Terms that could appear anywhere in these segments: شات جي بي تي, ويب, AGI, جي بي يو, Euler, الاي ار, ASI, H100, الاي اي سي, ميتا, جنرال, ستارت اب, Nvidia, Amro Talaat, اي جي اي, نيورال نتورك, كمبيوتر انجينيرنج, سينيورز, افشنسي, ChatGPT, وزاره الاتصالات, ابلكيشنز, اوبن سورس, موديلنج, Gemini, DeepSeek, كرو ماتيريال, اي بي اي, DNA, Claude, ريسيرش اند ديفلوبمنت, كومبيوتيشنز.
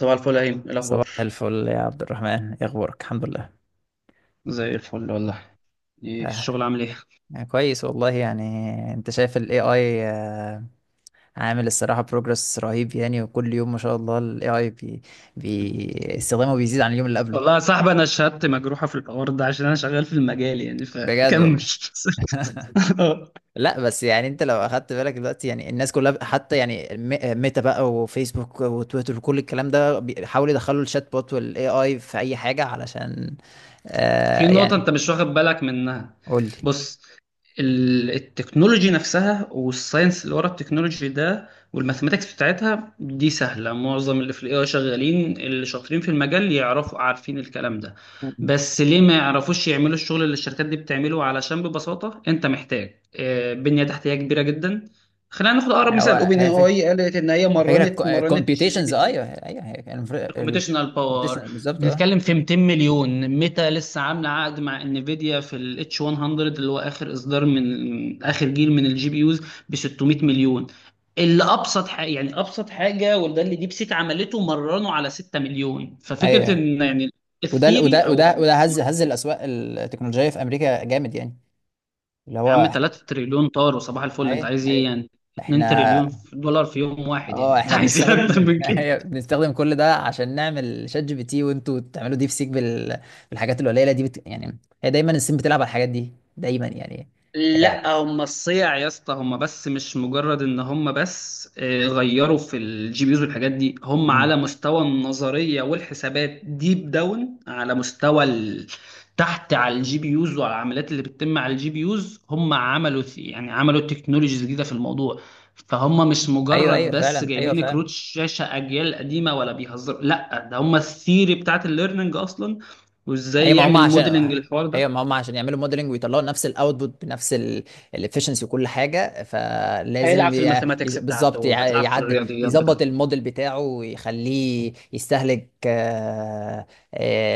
صباح الفل يا هيم، إيه الاخبار؟ صباح الفل يا عبد الرحمن، ايه اخبارك؟ الحمد لله. زي الفل والله. ايه آه الشغل عامل ايه؟ كويس والله يعني. انت شايف ال AI؟ عامل الصراحة بروجرس رهيب يعني، وكل يوم ما شاء الله ال AI بي بي استخدامه بيزيد عن اليوم اللي قبله. والله يا صاحبي انا شهادتي مجروحه في الحوار ده عشان انا شغال في المجال يعني، بجد فكمل. والله. لا بس يعني انت لو اخدت بالك دلوقتي، يعني الناس كلها حتى يعني ميتا بقى وفيسبوك وتويتر وكل الكلام ده بيحاولوا يدخلوا الشات بوت وال AI في اي حاجة علشان في آه نقطة يعني أنت مش واخد بالك منها. قول لي. بص. التكنولوجي نفسها والساينس اللي ورا التكنولوجي ده والماثيماتكس بتاعتها دي سهلة، معظم اللي في الاي اي شغالين اللي شاطرين في المجال يعرفوا، عارفين الكلام ده. مم. بس ليه ما يعرفوش يعملوا الشغل اللي الشركات دي بتعمله؟ علشان ببساطة أنت محتاج بنية تحتية كبيرة جدا. خلينا ناخد أقرب هو مثال، أوبن هي اي الفكرة، اي قالت إن هي مرنت فاكر مرنت شات جي كومبيوتيشنز؟ بي تي. ايوه ايوه، الكمبيوتيشنال باور، الكومبيوتيشن بالظبط اه. بنتكلم في 200 مليون. ميتا لسه عامله عقد مع انفيديا في الاتش 100، اللي هو اخر اصدار من اخر جيل من الجي بي يوز، ب 600 مليون. اللي ابسط حاجه، يعني ابسط حاجه، وده اللي ديب سيك عملته، مرنه على 6 مليون. ففكره ايوه، ان يعني وده الثيري، وده او وده وده يا هز الاسواق التكنولوجيه في امريكا جامد يعني، اللي عم هو 3 تريليون طار وصباح الفل، انت ايوه عايز ايه ايوه. يعني؟ 2 تريليون احنا دولار في يوم واحد، يعني اه انت احنا عايز ايه بنستخدم اكتر من كده؟ أيوة، بنستخدم كل ده عشان نعمل شات جي بي تي، وانتوا تعملوا ديب سيك بالحاجات القليله دي. يعني هي دايما الصين بتلعب على الحاجات دي دايما يعني. آه، لا هم الصيع يا اسطى، هم بس مش مجرد ان هم بس غيروا في الجي بيوز والحاجات دي، هم أمم. على مستوى النظريه والحسابات ديب داون على مستوى تحت، على الجي بيوز وعلى العمليات اللي بتتم على الجي بيوز، هم عملوا يعني عملوا تكنولوجيز جديده في الموضوع. فهم مش ايوه مجرد ايوه بس فعلا، ايوه جايبين فعلا. كروت شاشه اجيال قديمه ولا بيهزروا، لا ده هم الثيري بتاعت الليرنينج اصلا، هي وازاي ما هم يعمل عشان موديلنج الحوار هي ده. ما هم عشان يعملوا موديلنج ويطلعوا نفس الاوتبوت بنفس الافشنسي وكل حاجه، فلازم هيلعب في الماثيماتكس بتاعته بالظبط وهتلعب في يعد الرياضيات يظبط بتاعته. الموديل بتاعه ويخليه يستهلك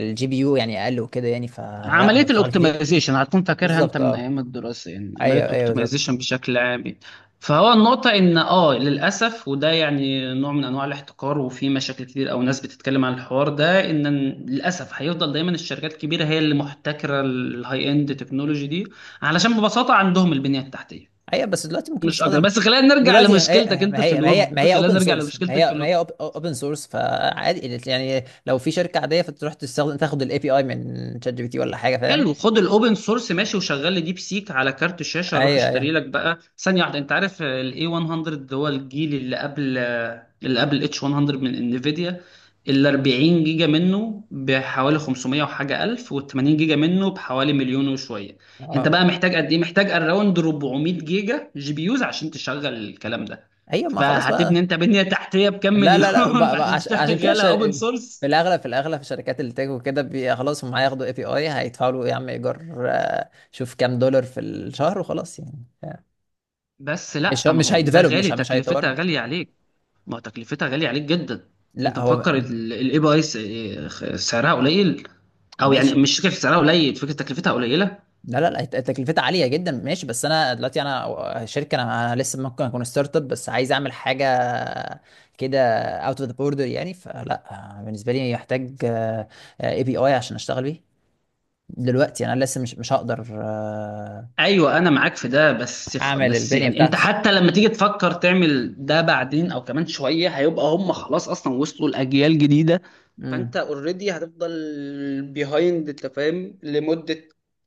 الجي بي يو يعني اقل وكده يعني، فلا هو عملية اشتغل كتير. الاوبتمايزيشن هتكون فاكرها انت بالظبط من اه. ايام الدراسة، يعني عملية ايوه ايوه بالظبط. الاوبتمايزيشن بشكل عام يعني. فهو النقطة ان اه، للأسف وده يعني نوع من انواع الاحتكار، وفي مشاكل كتير او ناس بتتكلم عن الحوار ده، ان للأسف هيفضل دايما الشركات الكبيرة هي اللي محتكرة الهاي اند تكنولوجي دي، علشان ببساطة عندهم البنية التحتية، ايوه، بس دلوقتي ممكن مش اكتر. تستخدم. بس خلينا نرجع دلوقتي لمشكلتك هي- انت ما في هي ما هي ما الويب، هي خلينا اوبن نرجع سورس، ما هي لمشكلتك في ما الويب. هي اوبن سورس، فعادي يعني. لو في شركه عاديه فتروح تستخدم، تاخد الاي بي اي من شات جي بي تي ولا حاجه، فاهم؟ حلو، خد الاوبن سورس ماشي وشغل لي ديب سيك على كارت شاشه، اروح ايوه اشتري ايوه لك بقى، ثانيه واحده، انت عارف الاي 100 هو الجيل اللي قبل اللي قبل اتش 100 من انفيديا. ال 40 جيجا منه بحوالي 500 وحاجه الف، وال 80 جيجا منه بحوالي مليون وشويه. انت بقى اه محتاج قد ايه؟ محتاج اراوند 400 جيجا جي بي يوز عشان تشغل الكلام ده. ايوه، ما خلاص فهتبني بقى. انت بنيه تحتيه بكام لا لا لا مليون بقى بقى فعشان عشان كده تشغلها اوبن سورس؟ في الاغلب، في الاغلب في شركات التك وكده خلاص، هم هياخدوا اي بي اي هيدفعوا له يا عم ايجار، شوف كام دولار في الشهر وخلاص يعني بس مش هو، لا، ما مش هو ده هيديفلوب، غالي، مش تكلفتها هيطورها. غاليه عليك، ما تكلفتها غالية عليك جدا. انت لا هو مفكر الاي بي اي سعرها قليل، او يعني ماشي. مش فكرة سعرها قليل، فكرة تكلفتها قليلة. لا لا لا تكلفتها عاليه جدا ماشي، بس انا دلوقتي انا شركه، أنا لسه ممكن اكون ستارت اب بس عايز اعمل حاجه كده اوت اوف ذا بوردر يعني، فلا بالنسبه لي يحتاج اي بي اي عشان اشتغل بيه دلوقتي يعني. انا لسه مش هقدر ايوه، انا معاك في ده، اعمل بس البنية يعني انت بتاعتي. حتى لما تيجي تفكر تعمل ده بعدين او كمان شويه، هيبقى هم خلاص اصلا وصلوا لاجيال جديده. فانت امم. اوريدي هتفضل بيهايند، انت فاهم، لمده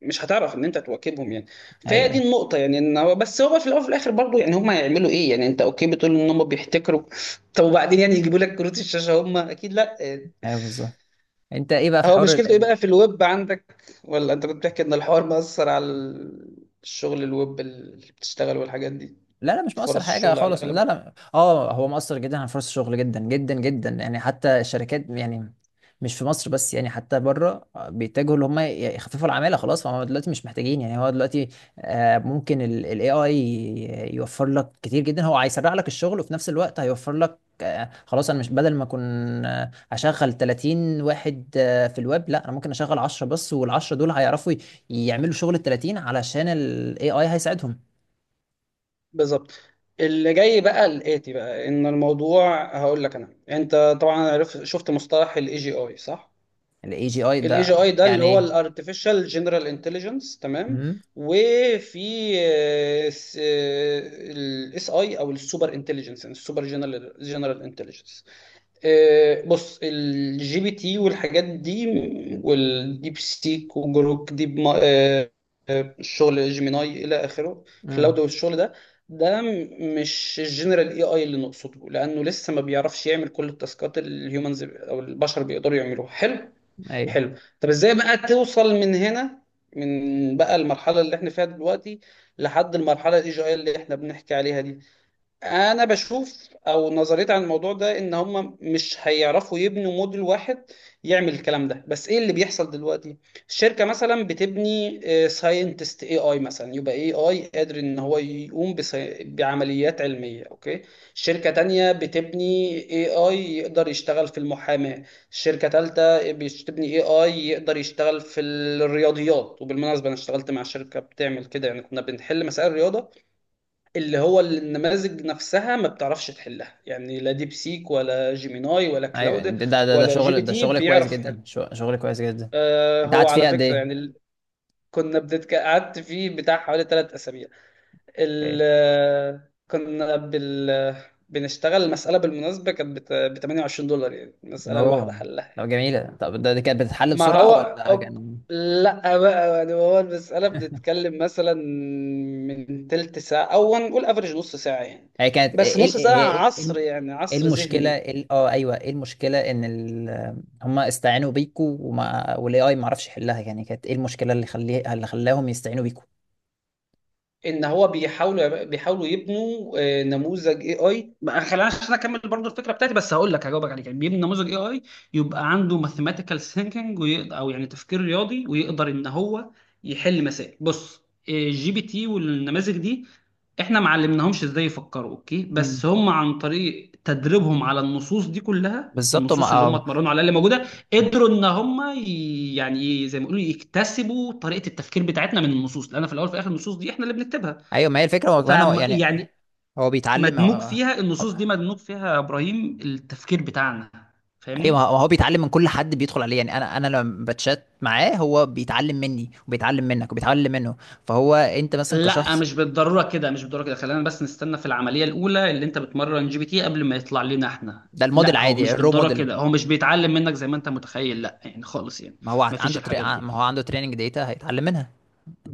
مش هتعرف ان انت تواكبهم يعني. ايوه فهي دي ايوه النقطه، يعني ان هو بس، هو في الاول وفي الاخر برضه، يعني هم هيعملوا ايه يعني؟ انت اوكي بتقول ان هم بيحتكروا، طب وبعدين؟ يعني يجيبوا لك كروت الشاشه هم؟ اكيد لا. ايوه بالظبط. انت ايه بقى في هو حوار؟ مشكلته ايه بقى في الويب عندك، ولا انت كنت بتحكي ان الحوار مأثر على الشغل الويب اللي بتشتغل والحاجات دي؟ لا لا مش مؤثر فرص حاجة الشغل على خالص، لا الاغلب. لا اه هو مؤثر جدا على فرص الشغل، جدا جدا جدا يعني. حتى الشركات يعني مش في مصر بس يعني، حتى بره بيتجهوا ان هم يخففوا العمالة خلاص، فهم دلوقتي مش محتاجين يعني. هو دلوقتي ممكن الاي اي يوفر لك كتير جدا. هو هيسرع لك الشغل وفي نفس الوقت هيوفر لك، خلاص انا مش بدل ما اكون هشغل 30 واحد في الويب، لا انا ممكن اشغل 10 بس، وال10 دول هيعرفوا يعملوا شغل ال 30 علشان الاي اي هيساعدهم. بالظبط. اللي جاي بقى، الاتي بقى، ان الموضوع هقول لك انا، انت طبعا عرفت شفت مصطلح الاي جي اي صح؟ الاي جي اي الاي جي ده اي ده اللي يعني هو ايه؟ الارتفيشال جنرال انتليجنس، تمام. امم وفي الاس اي، او السوبر انتليجنس، السوبر جنرال انتليجنس. بص، الجي بي تي والحاجات دي والديب سيك وجروك ديب الشغل جيميناي الى اخره، كلاود امم والشغل ده، ده مش الجنرال اي اي اللي نقصده، لانه لسه ما بيعرفش يعمل كل التاسكات اللي الهيومنز او البشر بيقدروا يعملوها. حلو، ايوه حلو. طب ازاي بقى توصل من هنا، من بقى المرحله اللي احنا فيها دلوقتي، لحد المرحله الاي جي اي اللي احنا بنحكي عليها دي؟ انا بشوف او نظريتي عن الموضوع ده ان هم مش هيعرفوا يبنوا موديل واحد يعمل الكلام ده. بس ايه اللي بيحصل دلوقتي؟ الشركه مثلا بتبني ساينتست اي اي مثلا، يبقى اي اي قادر ان هو يقوم بعمليات علميه، اوكي. شركه تانية بتبني اي اي يقدر يشتغل في المحاماه، شركه تالتة بتبني اي اي يقدر يشتغل في الرياضيات. وبالمناسبه انا اشتغلت مع شركه بتعمل كده، يعني كنا بنحل مسائل رياضه اللي هو النماذج نفسها ما بتعرفش تحلها، يعني لا ديب سيك ولا جيميناي ولا ايوه كلاود ده ده ده ولا جي بي شغل، ده تي شغل كويس بيعرف يحل. جدا، شغل كويس جدا. آه انت هو قعدت على فيه قد فكرة يعني ايه؟ قعدت فيه بتاع حوالي ثلاث أسابيع. ال... اوكي. آه، كنا بال... بنشتغل المسألة، بالمناسبة كانت ب 28 دولار، يعني المسألة الواحدة اوه، حلها. طب جميله. طب ده، دي كانت بتتحل ما بسرعه هو ولا أوك... كان، لا بقى، يعني هو المسألة بنتكلم مثلا من تلت ساعة، أو هنقول افريج نص ساعة يعني، هي كانت بس ايه ال- نص ساعة هي ايه إيه- عصر يعني، إيه عصر المشكله؟ ذهني. إيه ايوه، ايه المشكله ان هم استعانوا بيكوا، والاي اي ما عرفش يحلها يعني؟ كانت ايه المشكله اللي اللي خلاهم يستعينوا بيكوا؟ ان هو بيحاولوا يبنوا نموذج اي اي، خلينا عشان اكمل برضو الفكره بتاعتي، بس هقول لك، هجاوبك عليك، يعني بيبني نموذج اي اي يبقى عنده ماثيماتيكال ثينكينج، او يعني تفكير رياضي، ويقدر ان هو يحل مسائل. بص، الجي بي تي والنماذج دي احنا ما علمناهمش ازاي يفكروا، اوكي، بس مم. هم عن طريق تدريبهم على النصوص دي كلها، بالظبط ما النصوص اللي هم اتمرنوا عليها اللي موجوده، قدروا ان هم يعني إيه زي ما يقولوا، يكتسبوا طريقه التفكير بتاعتنا من النصوص، لان في الاول وفي الاخر النصوص دي احنا اللي بنكتبها. ايوه. ما هي الفكره، هو ف، كمان هو يعني يعني، هو بيتعلم، مدموج هو فيها، النصوص دي مدموج فيها يا ابراهيم التفكير بتاعنا، ايوه. ما فاهمني؟ هو بيتعلم من كل حد بيدخل عليه يعني، انا لما بتشات معاه هو بيتعلم مني وبيتعلم منك وبيتعلم منه، فهو انت مثلا لا، كشخص. مش بالضروره كده، خلينا بس نستنى، في العمليه الاولى اللي انت بتمرن جي بي تي قبل ما يطلع لنا احنا، ده الموديل لا هو عادي، مش الرو بالضروره موديل. كده، هو مش بيتعلم منك زي ما انت متخيل، لا يعني خالص يعني، ما هو مفيش عنده الحاجات دي. ما هو عنده تريننج داتا هيتعلم منها.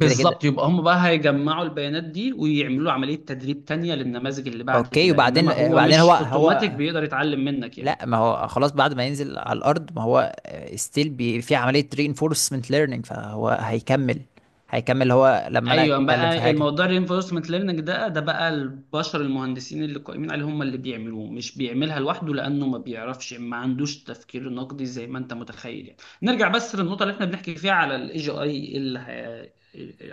كده كده. يبقى هم بقى هيجمعوا البيانات دي ويعملوا عملية تدريب تانية للنماذج اللي بعد اوكي، كده، وبعدين انما هو بعدين هو مش اوتوماتيك هو بيقدر يتعلم منك يعني. لا، ما هو خلاص بعد ما ينزل على الارض ما هو ستيل في عمليه reinforcement ليرنينج، فهو هيكمل. هيكمل هو لما انا ايوه اتكلم في بقى حاجه. الموضوع الرينفورسمنت ليرنينج ده بقى البشر المهندسين اللي قائمين عليه هم اللي بيعملوه، مش بيعملها لوحده، لانه ما بيعرفش، ما عندوش تفكير نقدي زي ما انت متخيل يعني. نرجع بس للنقطه اللي احنا بنحكي فيها على الاي جي اي،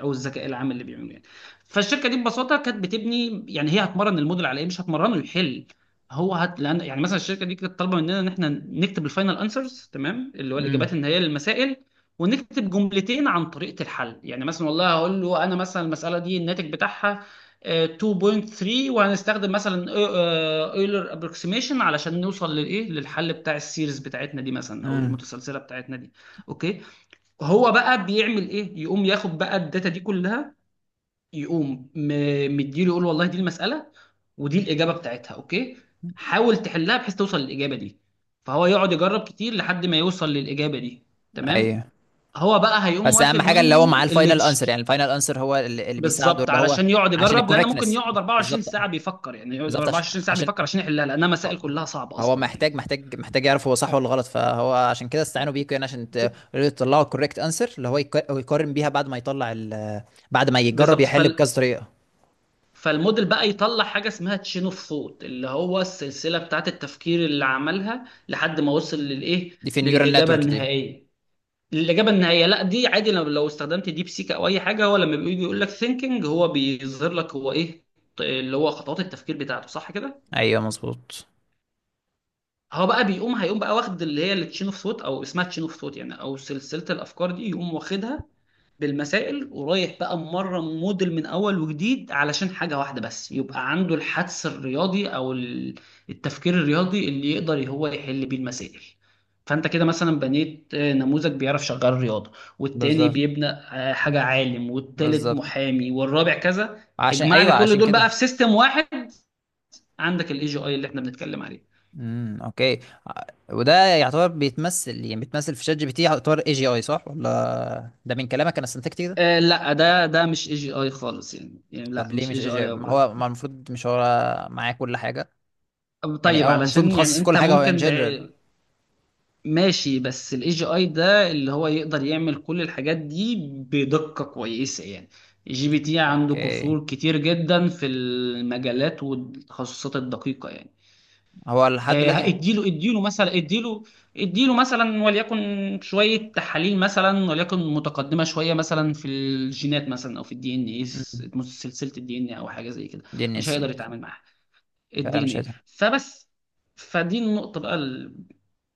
او الذكاء العام اللي بيعملوه يعني. فالشركه دي ببساطه كانت بتبني، يعني هي هتمرن الموديل على ايه؟ مش هتمرنه يحل، لان يعني مثلا الشركه دي كانت طالبه مننا ان احنا نكتب الفاينل انسرز، تمام، اللي هو الاجابات امم النهائيه للمسائل، ونكتب جملتين عن طريقة الحل، يعني مثلا والله هقول له انا مثلا المسألة دي الناتج بتاعها 2.3، وهنستخدم مثلا اويلر ابروكسيميشن علشان نوصل للايه، للحل بتاع السيريز بتاعتنا دي مثلا، او امم المتسلسلة بتاعتنا دي، اوكي. هو بقى بيعمل ايه؟ يقوم ياخد بقى الداتا دي كلها، يقوم مديله يقول والله دي المسألة ودي الإجابة بتاعتها، اوكي، حاول تحلها بحيث توصل للإجابة دي. فهو يقعد يجرب كتير لحد ما يوصل للإجابة دي، تمام. ايوه، هو بقى هيقوم بس واخد اهم حاجه اللي هو معاه منه الفاينل انسر، الليتش. يعني الفاينل انسر هو اللي, اللي بيساعده بالظبط، اللي هو علشان يقعد عشان يجرب، لان ممكن الكوركتنس. يقعد 24 بالظبط. ساعه بيفكر، يعني يقعد بالظبط عشان, 24 ساعه عشان. بيفكر عشان يحلها لانها مسائل آه. كلها صعبه هو اصلا محتاج يعني. محتاج يعرف هو صح ولا غلط، فهو عشان كده استعانوا بيكوا، يعني عشان ب- تطلعوا الكوركت انسر اللي هو هو يقارن بيها بعد ما يطلع ال، بعد ما يجرب بالظبط يحل بكذا طريقه. فالموديل بقى يطلع حاجه اسمها تشين اوف ثوت، اللي هو السلسله بتاعت التفكير اللي عملها لحد ما وصل للايه، دي في النيورال للاجابه نتورك دي. النهائيه. الاجابه النهائيه لا دي عادي، لو استخدمت ديب سيك او اي حاجه هو لما بيجي يقول لك ثينكينج هو بيظهر لك هو ايه، اللي هو خطوات التفكير بتاعته، صح كده؟ ايوه مظبوط. هو بقى بيقوم، هيقوم بقى واخد اللي هي التشين اوف ثوت، او اسمها تشين اوف ثوت يعني، او سلسله الافكار دي، يقوم واخدها بالمسائل، ورايح بقى مره موديل من اول وجديد، علشان حاجه واحده بس، يبقى عنده الحدس الرياضي، التفكير الرياضي اللي يقدر هو يحل بيه المسائل. فانت كده مثلا بنيت نموذج بيعرف شغال رياضه، والتاني بالظبط بيبنى حاجه عالم، والتالت بالظبط محامي، والرابع كذا. عشان، اجمع لي ايوه كل عشان دول بقى في كده. سيستم واحد، عندك الاي جي اي اللي احنا بنتكلم عليه. اوكي. وده يعتبر بيتمثل، يعني بيتمثل في شات جي بي تي، يعتبر اي جي اي صح ولا؟ ده من كلامك انا استنتجت كده. آه لا، ده مش اي جي اي خالص يعني لا طب ليه مش اي مش اي جي اي جي؟ يا ما برو. هو ما المفروض مش هو معاه كل حاجه؟ يعني طيب هو المفروض علشان يعني متخصص في كل انت حاجه، هو ان ممكن جنرال. ماشي، بس الاي جي اي ده اللي هو يقدر يعمل كل الحاجات دي بدقة كويسة يعني. جي بي تي عنده اوكي. قصور كتير جدا في المجالات والتخصصات الدقيقة يعني. هو لحد دلوقتي. اديله، اديله مثلا وليكن شويه تحاليل مثلا وليكن متقدمه شويه مثلا في الجينات مثلا، او في الدي ان اي، امم. سلسله الدي ان او حاجه زي كده، دي مش الناس هيقدر يتعامل معاها، فعلا الدي ان مش اي، عايزها. فبس. فدي النقطه بقى،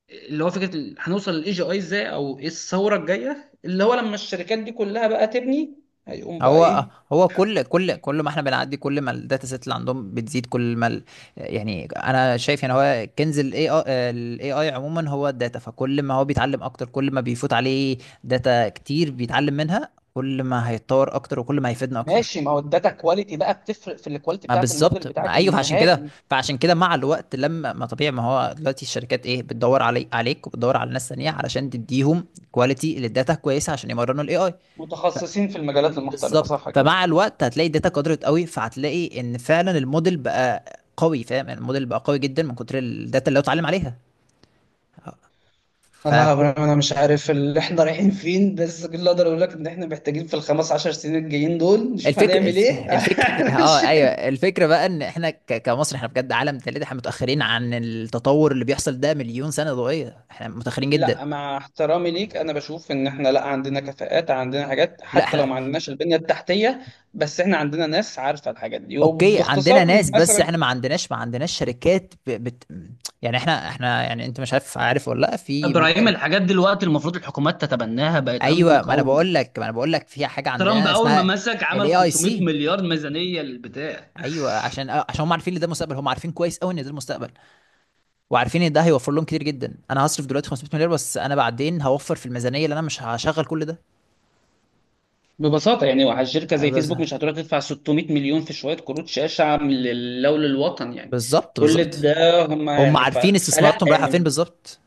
اللي هو فكره هنوصل للاي جي اي ازاي، او ايه الثوره الجايه اللي هو لما الشركات دي كلها بقى تبني، هيقوم بقى هو ايه. هو كل ما احنا بنعدي، كل ما الداتا سيت اللي عندهم بتزيد كل ما يعني انا شايف يعني هو كنز الاي اي، الاي اي عموما هو الداتا، فكل ما هو بيتعلم اكتر كل ما بيفوت عليه داتا كتير بيتعلم منها كل ما هيتطور اكتر وكل ما هيفيدنا اكتر. ماشي، ما هو الداتا كواليتي بقى بتفرق في الكواليتي ما بتاعت الموديل بالظبط، ما بتاعك ايوه، فعشان كده، النهائي. فعشان كده مع الوقت لما ما طبيعي ما هو دلوقتي الشركات ايه بتدور علي عليك وبتدور على ناس ثانيه علشان تديهم كواليتي للداتا كويسه عشان يمرنوا الاي اي. متخصصين في المجالات المختلفة، بالظبط، صح كده. فمع الوقت هتلاقي الداتا قدرت قوي، فهتلاقي ان فعلا الموديل بقى قوي، فاهم يعني؟ الموديل بقى قوي جدا من كتر الداتا اللي هو اتعلم عليها. ف، والله يا ابراهيم انا مش عارف اللي احنا رايحين فين، بس كل اللي اقدر اقول لك ان احنا محتاجين في الـ 15 سنين الجايين دول نشوف الفكر هنعمل ايه الفكر اه، ايوه علشان. الفكره بقى ان احنا كمصر احنا بجد عالم ثالث، احنا متاخرين عن التطور اللي بيحصل ده مليون سنه ضوئيه، احنا متاخرين جدا. لا مع احترامي ليك، انا بشوف ان احنا، لا عندنا كفاءات، عندنا حاجات لا حتى لو احنا، ما عندناش البنية التحتية، بس احنا عندنا ناس عارفة الحاجات دي، اوكي عندنا وباختصار ناس بس مثلا، احنا ما عندناش شركات يعني احنا يعني، انت مش عارف، عارف ولا لا في مركز. ابراهيم الحاجات دلوقتي المفروض الحكومات تتبناها، بقت امن ايوه، ما انا قومي. بقول لك ما انا بقول لك في حاجه ترامب عندنا اول ما اسمها مسك عمل الاي اي 500 سي. مليار ميزانيه للبتاع. ايوه عشان، عشان هم عارفين ان ده المستقبل، هم عارفين كويس قوي ان ده المستقبل، وعارفين ان ده هيوفر لهم كتير جدا. انا هصرف دلوقتي 500 مليار بس انا بعدين هوفر في الميزانيه اللي انا مش هشغل كل ده. ببساطة يعني واحد شركة زي بس فيسبوك مش هتروح تدفع 600 مليون في شوية كروت شاشة من لله وللوطن يعني. بالظبط كل بالظبط، ده هم هم يعني، عارفين فلا استثماراتهم رايحه فين يعني، بالظبط.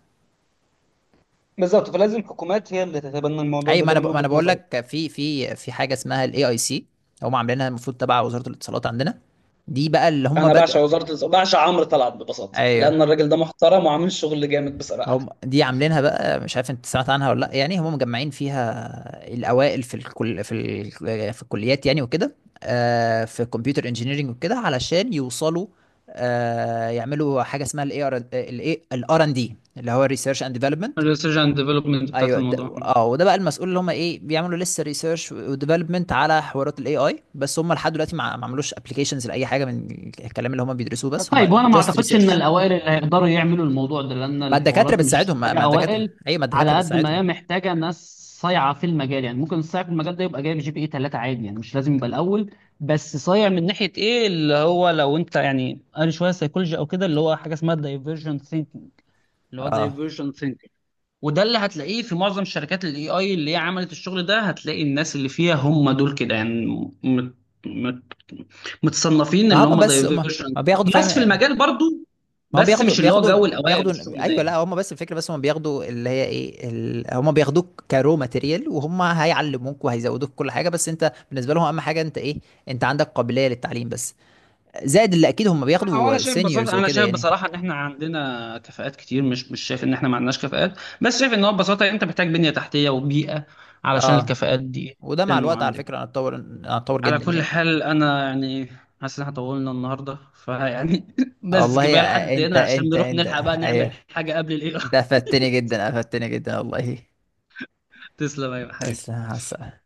بالظبط فلازم الحكومات هي اللي تتبنى الموضوع اي، ده، ما ده انا من ب... ما وجهة انا بقول نظري. لك في في حاجه اسمها الاي اي سي، هم عاملينها المفروض تبع وزاره الاتصالات عندنا. دي بقى اللي هم انا بدأ، بعشق بعشق عمرو طلعت، ببساطة، ايوه، لأن الراجل ده محترم وعامل شغل جامد بصراحة. هم دي عاملينها بقى. مش عارف انت سمعت عنها ولا لا؟ يعني هم مجمعين فيها الاوائل في الكل في في الكليات يعني وكده، في كمبيوتر انجينيرنج وكده، علشان يوصلوا يعملوا حاجه اسمها الاي ار الاي الار ان دي اللي هو ريسيرش اند ديفلوبمنت. الريسيرش اند ديفلوبمنت بتاعت ايوه ده الموضوع. اه، وده بقى المسؤول اللي هم ايه بيعملوا لسه ريسيرش وديفلوبمنت على حوارات الاي اي، بس هم لحد دلوقتي ما عملوش ابلكيشنز لاي حاجه من الكلام اللي هم بيدرسوه، بس هم طيب وانا ما جاست اعتقدش ان ريسيرش. الاوائل اللي هيقدروا يعملوا الموضوع ده، لان ما الدكاتره الحوارات مش بتساعدهم، ما محتاجه ما الدكاتره اوائل ايوه ما الدكاتره على قد ما بتساعدهم هي محتاجه ناس صايعه في المجال، يعني ممكن الصايع في المجال ده يبقى جايب جي بي اي 3 عادي يعني، مش لازم يبقى الاول. بس صايع من ناحيه ايه، اللي هو لو انت يعني قال شويه سيكولوجي او كده، اللي هو حاجه اسمها الدايفرجنت ثينكينج، اللي هو اه. دايفرجنت. وده اللي هتلاقيه في معظم شركات الاي اي اللي هي عملت الشغل ده، هتلاقي الناس اللي فيها هم دول كده يعني، مت... مت... متصنفين ما اللي هم هم بس هم دايفيرجن. ما بياخدوا، ناس في فاهم؟ المجال برضو، ما هم بس مش اللي هو جو الاوائل بياخدوا والشغل ده ايوه. يعني. لا هم بس الفكره، بس هم بياخدوا اللي هي ايه هم بياخدوك كرو ماتيريال، وهم هيعلموك وهيزودوك كل حاجه، بس انت بالنسبه لهم اهم حاجه انت ايه؟ انت عندك قابليه للتعليم بس، زائد اللي اكيد هم لا هو انا بياخدوا شايف ببساطه، سينيورز انا وكده شايف يعني. بصراحه ان احنا عندنا كفاءات كتير، مش شايف ان احنا ما عندناش كفاءات، بس شايف ان هو ببساطه انت محتاج بنيه تحتيه وبيئه علشان اه، الكفاءات دي وده مع تنمو الوقت على عندك. فكره انا اتطور، انا اتطور على جدا كل يعني. حال انا يعني حاسس ان احنا طولنا النهارده فيعني بس، والله كفايه يا، لحد انت هنا عشان انت نروح انت نلحق بقى نعمل ايوه حاجه قبل الايه. انت افدتني جدا، افدتني جدا والله. تسلم يا حبيبي. بس.